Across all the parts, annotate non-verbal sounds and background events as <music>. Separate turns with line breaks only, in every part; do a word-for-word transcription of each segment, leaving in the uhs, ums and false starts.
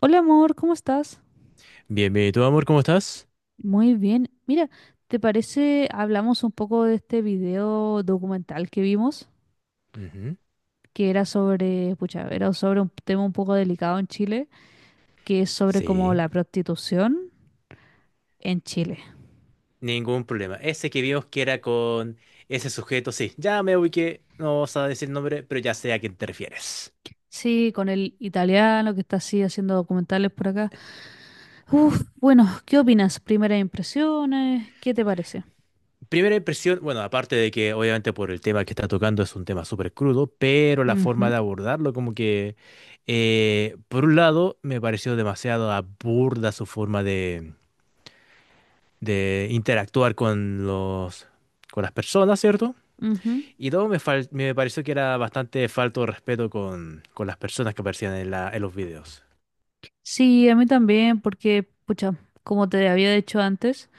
Hola amor, ¿cómo estás?
Bienvenido, amor, ¿cómo estás?
Muy bien. Mira, ¿te parece hablamos un poco de este video documental que vimos,
Ujú.
que era sobre, pucha, era sobre un tema un poco delicado en Chile, que es sobre como
Sí.
la prostitución en Chile.
Ningún problema. Ese que vimos que era con ese sujeto, sí, ya me ubiqué, no vas a decir el nombre, pero ya sé a quién te refieres.
Sí, con el italiano que está así haciendo documentales por acá. Uf, bueno, ¿qué opinas? Primeras impresiones, ¿qué te parece?
Primera impresión, bueno, aparte de que obviamente por el tema que está tocando es un tema súper crudo, pero la forma
Ujú,
de abordarlo como que, eh, por un lado, me pareció demasiado aburda su forma de, de interactuar con los, con las personas, ¿cierto?
ujú.
Y todo me, fal- me pareció que era bastante falto de respeto con, con las personas que aparecían en la, en los videos.
Sí, a mí también, porque, pucha, como te había dicho antes,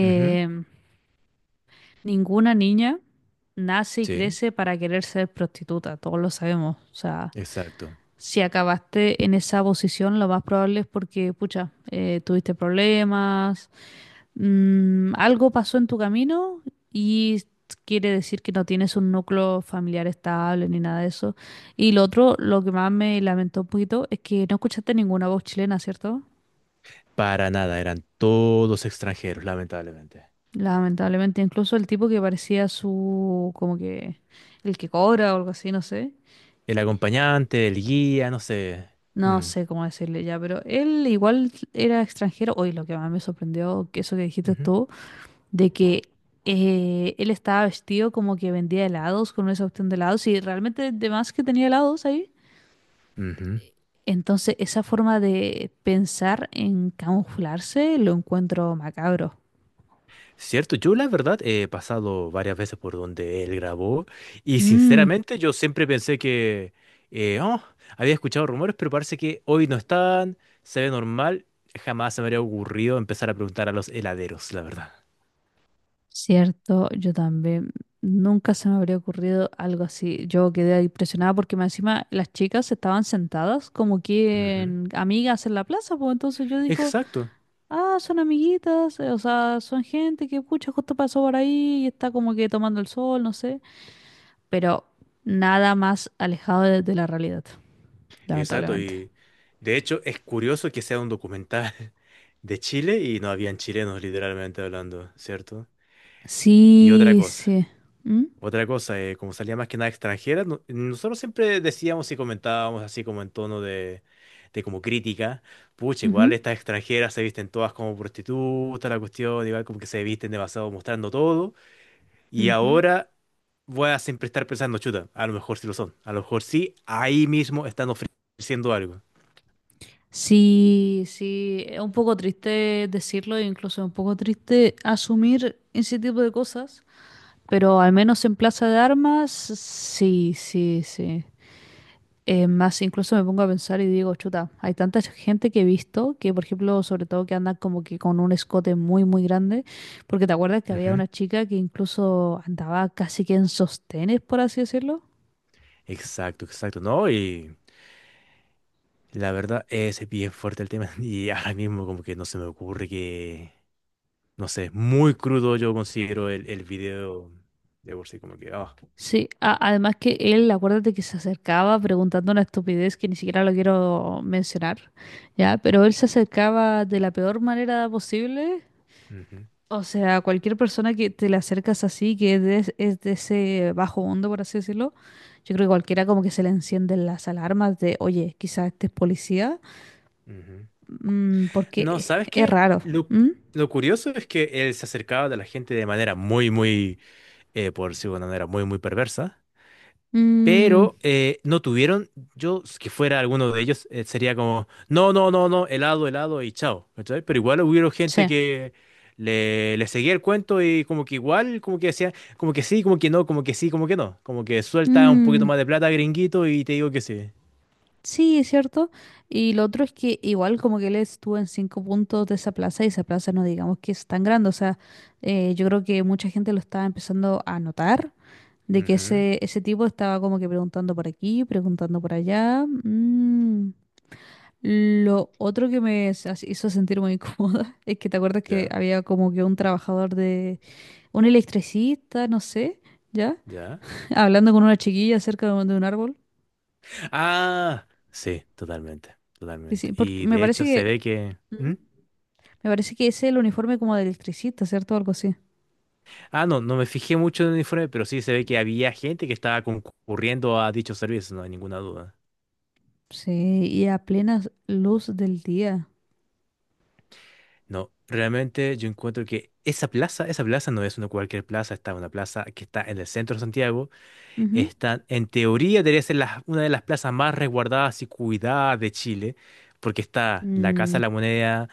Ujú.
ninguna niña nace y
Sí,
crece para querer ser prostituta, todos lo sabemos. O sea,
exacto.
si acabaste en esa posición, lo más probable es porque, pucha, eh, tuviste problemas, mm, algo pasó en tu camino y quiere decir que no tienes un núcleo familiar estable ni nada de eso. Y lo otro, lo que más me lamentó un poquito es que no escuchaste ninguna voz chilena, ¿cierto?
Para nada, eran todos extranjeros, lamentablemente.
Lamentablemente, incluso el tipo que parecía su, como que, el que cobra o algo así, no sé.
El acompañante, el guía, no sé.
No
Mm,
sé cómo decirle ya, pero él igual era extranjero. Hoy lo que más me sorprendió, que eso que dijiste
ujú,
tú, de que eh, él estaba vestido como que vendía helados con esa opción de helados y realmente de más que tenía helados ahí.
ujú.
Entonces, esa forma de pensar en camuflarse lo encuentro macabro.
Cierto, yo la verdad he pasado varias veces por donde él grabó y
Mm.
sinceramente yo siempre pensé que eh, oh, había escuchado rumores, pero parece que hoy no están, se ve normal, jamás se me habría ocurrido empezar a preguntar a los heladeros, la verdad.
Cierto, yo también. Nunca se me habría ocurrido algo así. Yo quedé impresionada porque más encima las chicas estaban sentadas como
Ujú.
quien amigas en la plaza, pues entonces yo digo,
Exacto,
ah, son amiguitas, eh, o sea, son gente que pucha justo pasó por ahí y está como que tomando el sol, no sé. Pero nada más alejado de, de la realidad,
exacto,
lamentablemente.
y de hecho es curioso que sea un documental <laughs> de Chile y no habían chilenos literalmente hablando, ¿cierto? Y otra
Sí,
cosa.
sí. ¿Mm?
Otra cosa, eh, como salía más que nada extranjera, no- nosotros siempre decíamos y comentábamos así como en tono de, de como crítica, pucha, igual
Ujú,
estas extranjeras se visten todas como prostitutas, la cuestión, igual como que se visten demasiado mostrando todo, y
ujú.
ahora voy a siempre estar pensando, chuta, a lo mejor sí lo son, a lo mejor sí, ahí mismo están ofreciendo algo.
Sí, sí, es un poco triste decirlo, e incluso un poco triste asumir ese tipo de cosas, pero al menos en Plaza de Armas, sí, sí, sí. Eh, más incluso me pongo a pensar y digo, chuta, hay tanta gente que he visto que, por ejemplo, sobre todo que andan como que con un escote muy, muy grande, porque te acuerdas que había
Ujú.
una chica que incluso andaba casi que en sostenes, por así decirlo.
Exacto, exacto, ¿no? Y la verdad es bien fuerte el tema, <laughs> y ahora mismo como que no se me ocurre que. No sé, muy crudo yo considero el, el video de por sí, como que, ah,
Sí, a- además que él, acuérdate que se acercaba preguntando una estupidez que ni siquiera lo quiero mencionar, ¿ya? Pero él se acercaba de la peor manera posible.
ujú,
O sea, cualquier persona que te le acercas así, que es de, es de ese bajo mundo, por así decirlo, yo creo que cualquiera como que se le encienden las alarmas de, oye, quizás este es policía,
ujú.
mm,
No,
porque
¿sabes
es
qué?
raro.
Lo,
¿Mm?
lo curioso es que él se acercaba a la gente de manera muy, muy, eh, por decirlo de una manera muy, muy perversa.
Mm,
Pero eh, no tuvieron, yo, si que fuera alguno de ellos, eh, sería como, no, no, no, no, helado, helado y chao, ¿cachai? Pero igual hubo gente
sí.
que le, le seguía el cuento y como que igual, como que decía, como que sí, como que no, como que sí, como que no, como que suelta un poquito
Mm,
más de plata, gringuito, y te digo que sí.
sí, es cierto. Y lo otro es que igual como que él estuvo en cinco puntos de esa plaza y esa plaza no digamos que es tan grande. O sea, eh, yo creo que mucha gente lo estaba empezando a notar de que
Ujú,
ese, ese tipo estaba como que preguntando por aquí, preguntando por allá. Mm. Lo otro que me s- as- hizo sentir muy incómoda <laughs> es que te acuerdas que
ya,
había como que un trabajador de un electricista, no sé, ¿ya?
ya.
<laughs> Hablando con una chiquilla cerca de un de un árbol.
Ah, sí, totalmente,
Sí, sí,
totalmente.
porque
Y
me
de
parece
hecho se ve
que...
que.
¿Mm?
¿Mm?
Me parece que ese es el uniforme como de electricista, ¿cierto? Algo así.
Ah, no, no me fijé mucho en el informe, pero sí se ve que había gente que estaba concurriendo a dichos servicios, no hay ninguna duda.
Sí, y a plena luz del día.
No, realmente yo encuentro que esa plaza, esa plaza no es una cualquier plaza, está una plaza que está en el centro de Santiago.
Ujú.
Está, en teoría, debería ser la- una de las plazas más resguardadas y cuidadas de Chile, porque está la Casa
Mm,
de la Moneda,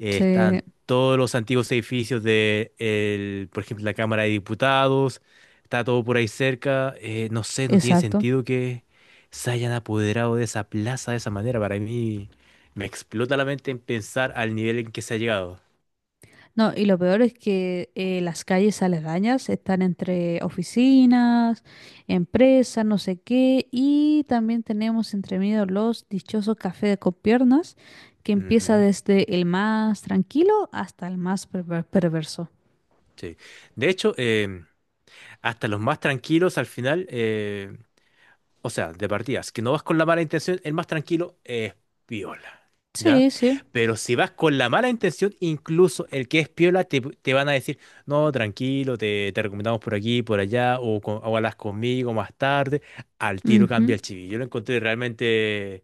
eh,
sí,
están todos los antiguos edificios de, el- por ejemplo, la Cámara de Diputados, está todo por ahí cerca. eh, no sé, no tiene
exacto.
sentido que se hayan apoderado de esa plaza de esa manera. Para mí, me explota la mente en pensar al nivel en que se ha llegado.
No, y lo peor es que eh, las calles aledañas están entre oficinas, empresas, no sé qué, y también tenemos entre medio los dichosos cafés de copiernas, que empieza
Ujú,
desde el más tranquilo hasta el más perver- perverso.
sí. De hecho, em, hasta los más tranquilos al final. eh, O sea, de partidas, que no vas con la mala intención, el más tranquilo es piola, ¿ya?
Sí, sí.
Pero si vas con la mala intención, incluso el que es piola te, te van a decir, no, tranquilo, te, te recomendamos por aquí, por allá, o, con- o hablas conmigo más tarde, al tiro cambia
Ujú,
el chiví. Yo lo encontré realmente,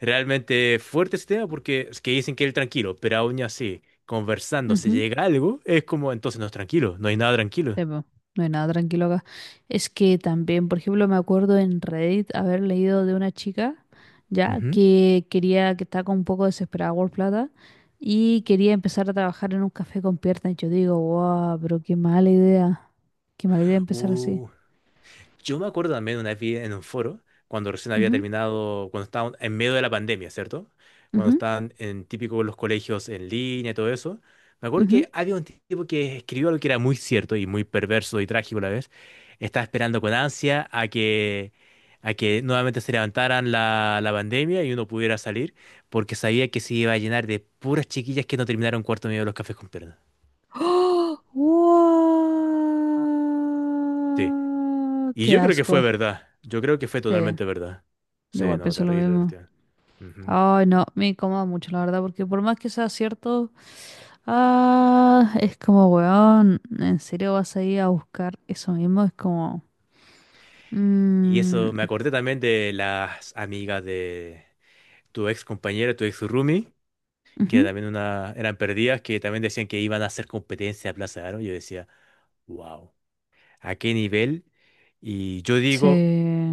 realmente fuerte ese tema porque es que dicen que es el tranquilo, pero aún así, conversando, se
ujú.
llega a algo, es como, entonces no es tranquilo, no hay nada tranquilo.
Sí, po, no hay nada tranquilo acá. Es que también, por ejemplo, me acuerdo en Reddit haber leído de una chica, ya,
Ujú.
que quería, que estaba con un poco desesperada por plata y quería empezar a trabajar en un café con piernas. Y yo digo, wow, pero qué mala idea. Qué mala idea empezar así.
Yo me acuerdo también una vez vi en un foro, cuando recién había
Ujú,
terminado, cuando estaban en medio de la pandemia, ¿cierto? Cuando
ujú,
estaban en típico los colegios en línea y todo eso. Me acuerdo
ujú.
que había un tipo que escribió algo que era muy cierto y muy perverso y trágico a la vez. Estaba esperando con ansia a que, a que nuevamente se levantaran la, la pandemia y uno pudiera salir, porque sabía que se iba a llenar de puras chiquillas que no terminaron cuarto medio de los cafés con piernas.
¡Oh!
Sí.
¡Guau!
Y
¡Qué
yo creo que fue
asco!
verdad. Yo creo que fue
Sí,
totalmente verdad.
yo
Sí,
igual
no,
pienso lo
terrible la
mismo.
cuestión. Ujú.
Ay, no, me incomoda mucho, la verdad, porque por más que sea cierto, ah, es como, weón, ¿en serio vas a ir a buscar eso mismo? Es como,
Y
mm,
eso, me acordé también de las amigas de tu ex compañera, tu ex roomie, que
ujú,
también una, eran perdidas, que también decían que iban a hacer competencia a Plaza de Aro. Yo decía, wow, ¿a qué nivel? Y yo digo.
sí,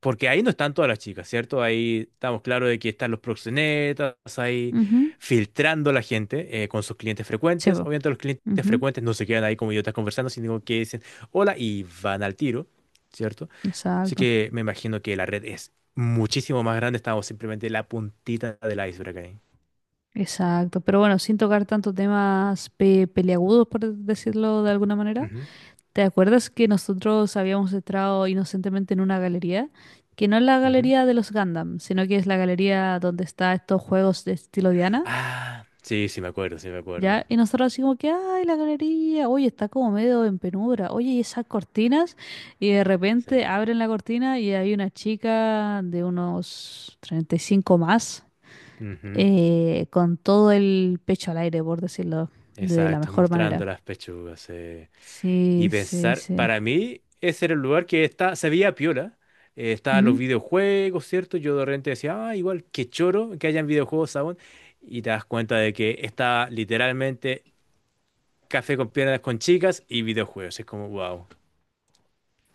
Porque ahí no están todas las chicas, ¿cierto? Ahí estamos claros de que están los proxenetas, ahí
ujú,
filtrando a la gente eh, con sus clientes
sí,
frecuentes.
po,
Obviamente los clientes
ujú,
frecuentes no se quedan ahí como idiotas conversando, sino que dicen hola y van al tiro, ¿cierto? Así
exacto,
que me imagino que la red es muchísimo más grande, estamos simplemente en la puntita del iceberg ahí.
exacto. Pero bueno, sin tocar tantos temas pe- peliagudos, por decirlo de alguna manera.
Ujú,
¿Te acuerdas que nosotros habíamos entrado inocentemente en una galería? Que no es la
ujú.
galería de los Gundam, sino que es la galería donde está estos juegos de estilo Diana,
Ah, sí, sí me acuerdo, sí me acuerdo.
¿ya? Y nosotros así como que, ay, la galería, oye, está como medio en penumbra, oye, y esas cortinas, y de
Sí.
repente abren la cortina y hay una chica de unos treinta y cinco más,
Ujú.
eh, con todo el pecho al aire, por decirlo de la
Exacto,
mejor
mostrando
manera.
las pechugas, sí. Y
Sí, sí,
pensar,
sí.
para mí, ese era el lugar que está, se veía piola. Eh, estaban los videojuegos, ¿cierto? Yo de repente decía, ah, igual, qué choro que hayan videojuegos aún. Y te das cuenta de que está literalmente café con piernas con chicas y videojuegos. Es como, wow.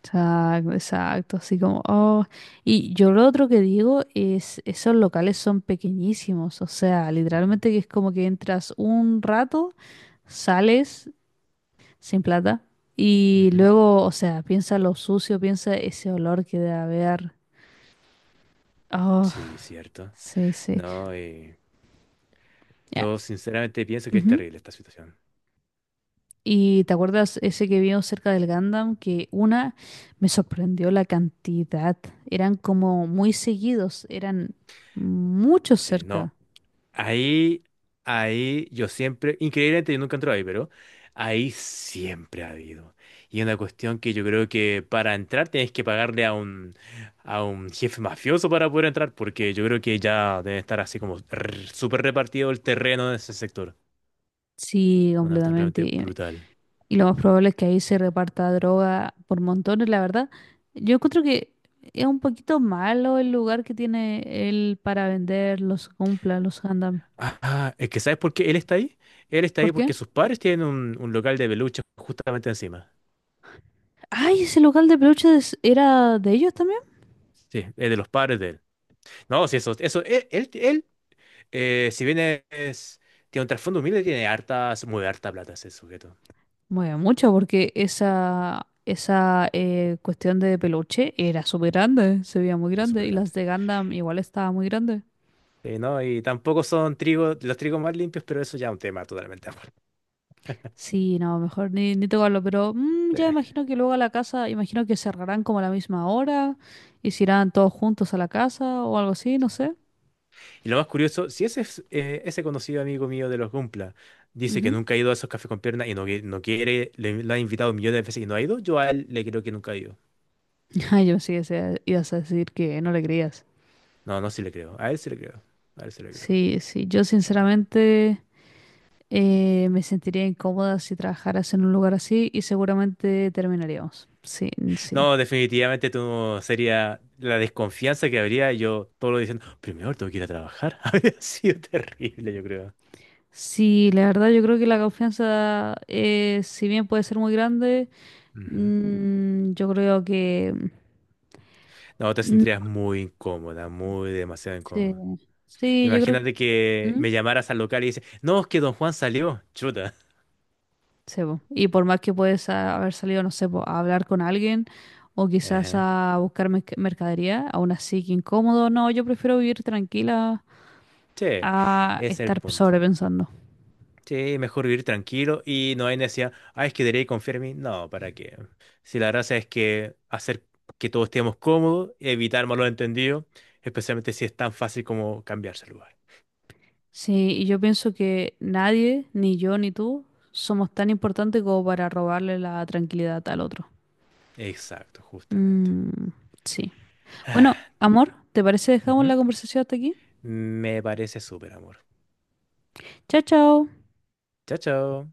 Exacto, exacto, así como, oh. Y yo lo otro que digo es, esos locales son pequeñísimos, o sea, literalmente que es como que entras un rato, sales sin plata y luego, o sea, piensa lo sucio, piensa ese olor que debe haber. Oh,
Sí, cierto.
sí, sí.
No, eh,
Ya,
yo sinceramente pienso que es
ujú.
terrible esta situación.
Y te acuerdas ese que vimos cerca del Gundam, que una me sorprendió la cantidad, eran como muy seguidos, eran muchos
Sí, no.
cerca.
Ahí, ahí, yo siempre, increíblemente yo nunca entré ahí, pero ahí siempre ha habido. Y es una cuestión que yo creo que para entrar tienes que pagarle a un, a un jefe mafioso para poder entrar, porque yo creo que ya debe estar así como r- súper repartido el terreno en ese sector.
Sí,
Una cuestión
completamente.
realmente
Y,
brutal.
y lo más probable es que ahí se reparta droga por montones, la verdad. Yo encuentro que es un poquito malo el lugar que tiene él para vender los cumpla, los Gundam.
Ah, es que ¿sabes por qué él está ahí? Él está
¿Por
ahí
qué?
porque sus padres tienen un, un local de peluches justamente encima.
Ay, ese local de peluches era de ellos también.
Sí, es de los padres de él. No, sí, eso, eso, él, él, Eh, si bien es, tiene un trasfondo humilde, tiene hartas, muy harta plata ese sujeto.
Bueno, mucho, porque esa, esa eh, cuestión de peluche era súper grande, se veía muy
Es
grande.
súper
Y
grande.
las de Gundam igual estaba muy grande.
Sí, ¿no? Y tampoco son trigo, los trigos más limpios, pero eso ya es un tema totalmente <laughs> aparte.
Sí, no, mejor ni, ni tocarlo, pero mm,
Sí,
ya imagino que luego a la casa, imagino que cerrarán como a la misma hora y se irán todos juntos a la casa o algo así, no
sí.
sé.
Y lo más curioso, si ese, es- eh, ese conocido amigo mío de los Gumpla dice que
Ujú.
nunca ha ido a esos cafés con piernas y no, qui- no quiere, le, lo ha invitado millones de veces y no ha ido, yo a él le creo que nunca ha ido.
<laughs> Ay, yo sí, ese- ibas a decir que no le creías.
No, no, sí le creo. A él sí le creo. A él sí le creo.
Sí, sí, yo
Sí.
sinceramente eh, me sentiría incómoda si trabajaras en un lugar así y seguramente terminaríamos. Sí, sí.
No, definitivamente tú no- sería la desconfianza que habría. Yo todo lo diciendo, primero tengo que ir a trabajar. <laughs> Habría sido terrible, yo creo.
Sí, la verdad yo creo que la confianza, eh, si bien puede ser muy grande,
Ujú.
mm, yo creo que...
No, te sentirías muy incómoda, muy demasiado
Sí,
incómoda.
sí, yo creo
Imagínate
que...
que
¿Mm?
me llamaras al local y dices, no, es que don Juan salió. Chuta.
Sí, po. Y por más que puedes ah, haber salido, no sé, po, a hablar con alguien o quizás
Ajá.
a buscar merc- mercadería, aún así que incómodo, no, yo prefiero vivir tranquila
Che,
a
ese es el
estar
punto.
sobrepensando.
Sí, mejor vivir tranquilo y no hay necesidad, ah, es que debería confiar en mí. No, ¿para qué? Si la gracia es que hacer que todos estemos cómodos, evitar malos entendidos, especialmente si es tan fácil como cambiarse de lugar.
Sí, y yo pienso que nadie, ni yo ni tú, somos tan importantes como para robarle la tranquilidad al otro.
Exacto, justamente.
Mm, sí. Bueno,
<sighs>
amor, ¿te parece dejamos
Ujú.
la conversación hasta aquí?
Me parece súper, amor.
Chao, chao.
Chao, chao.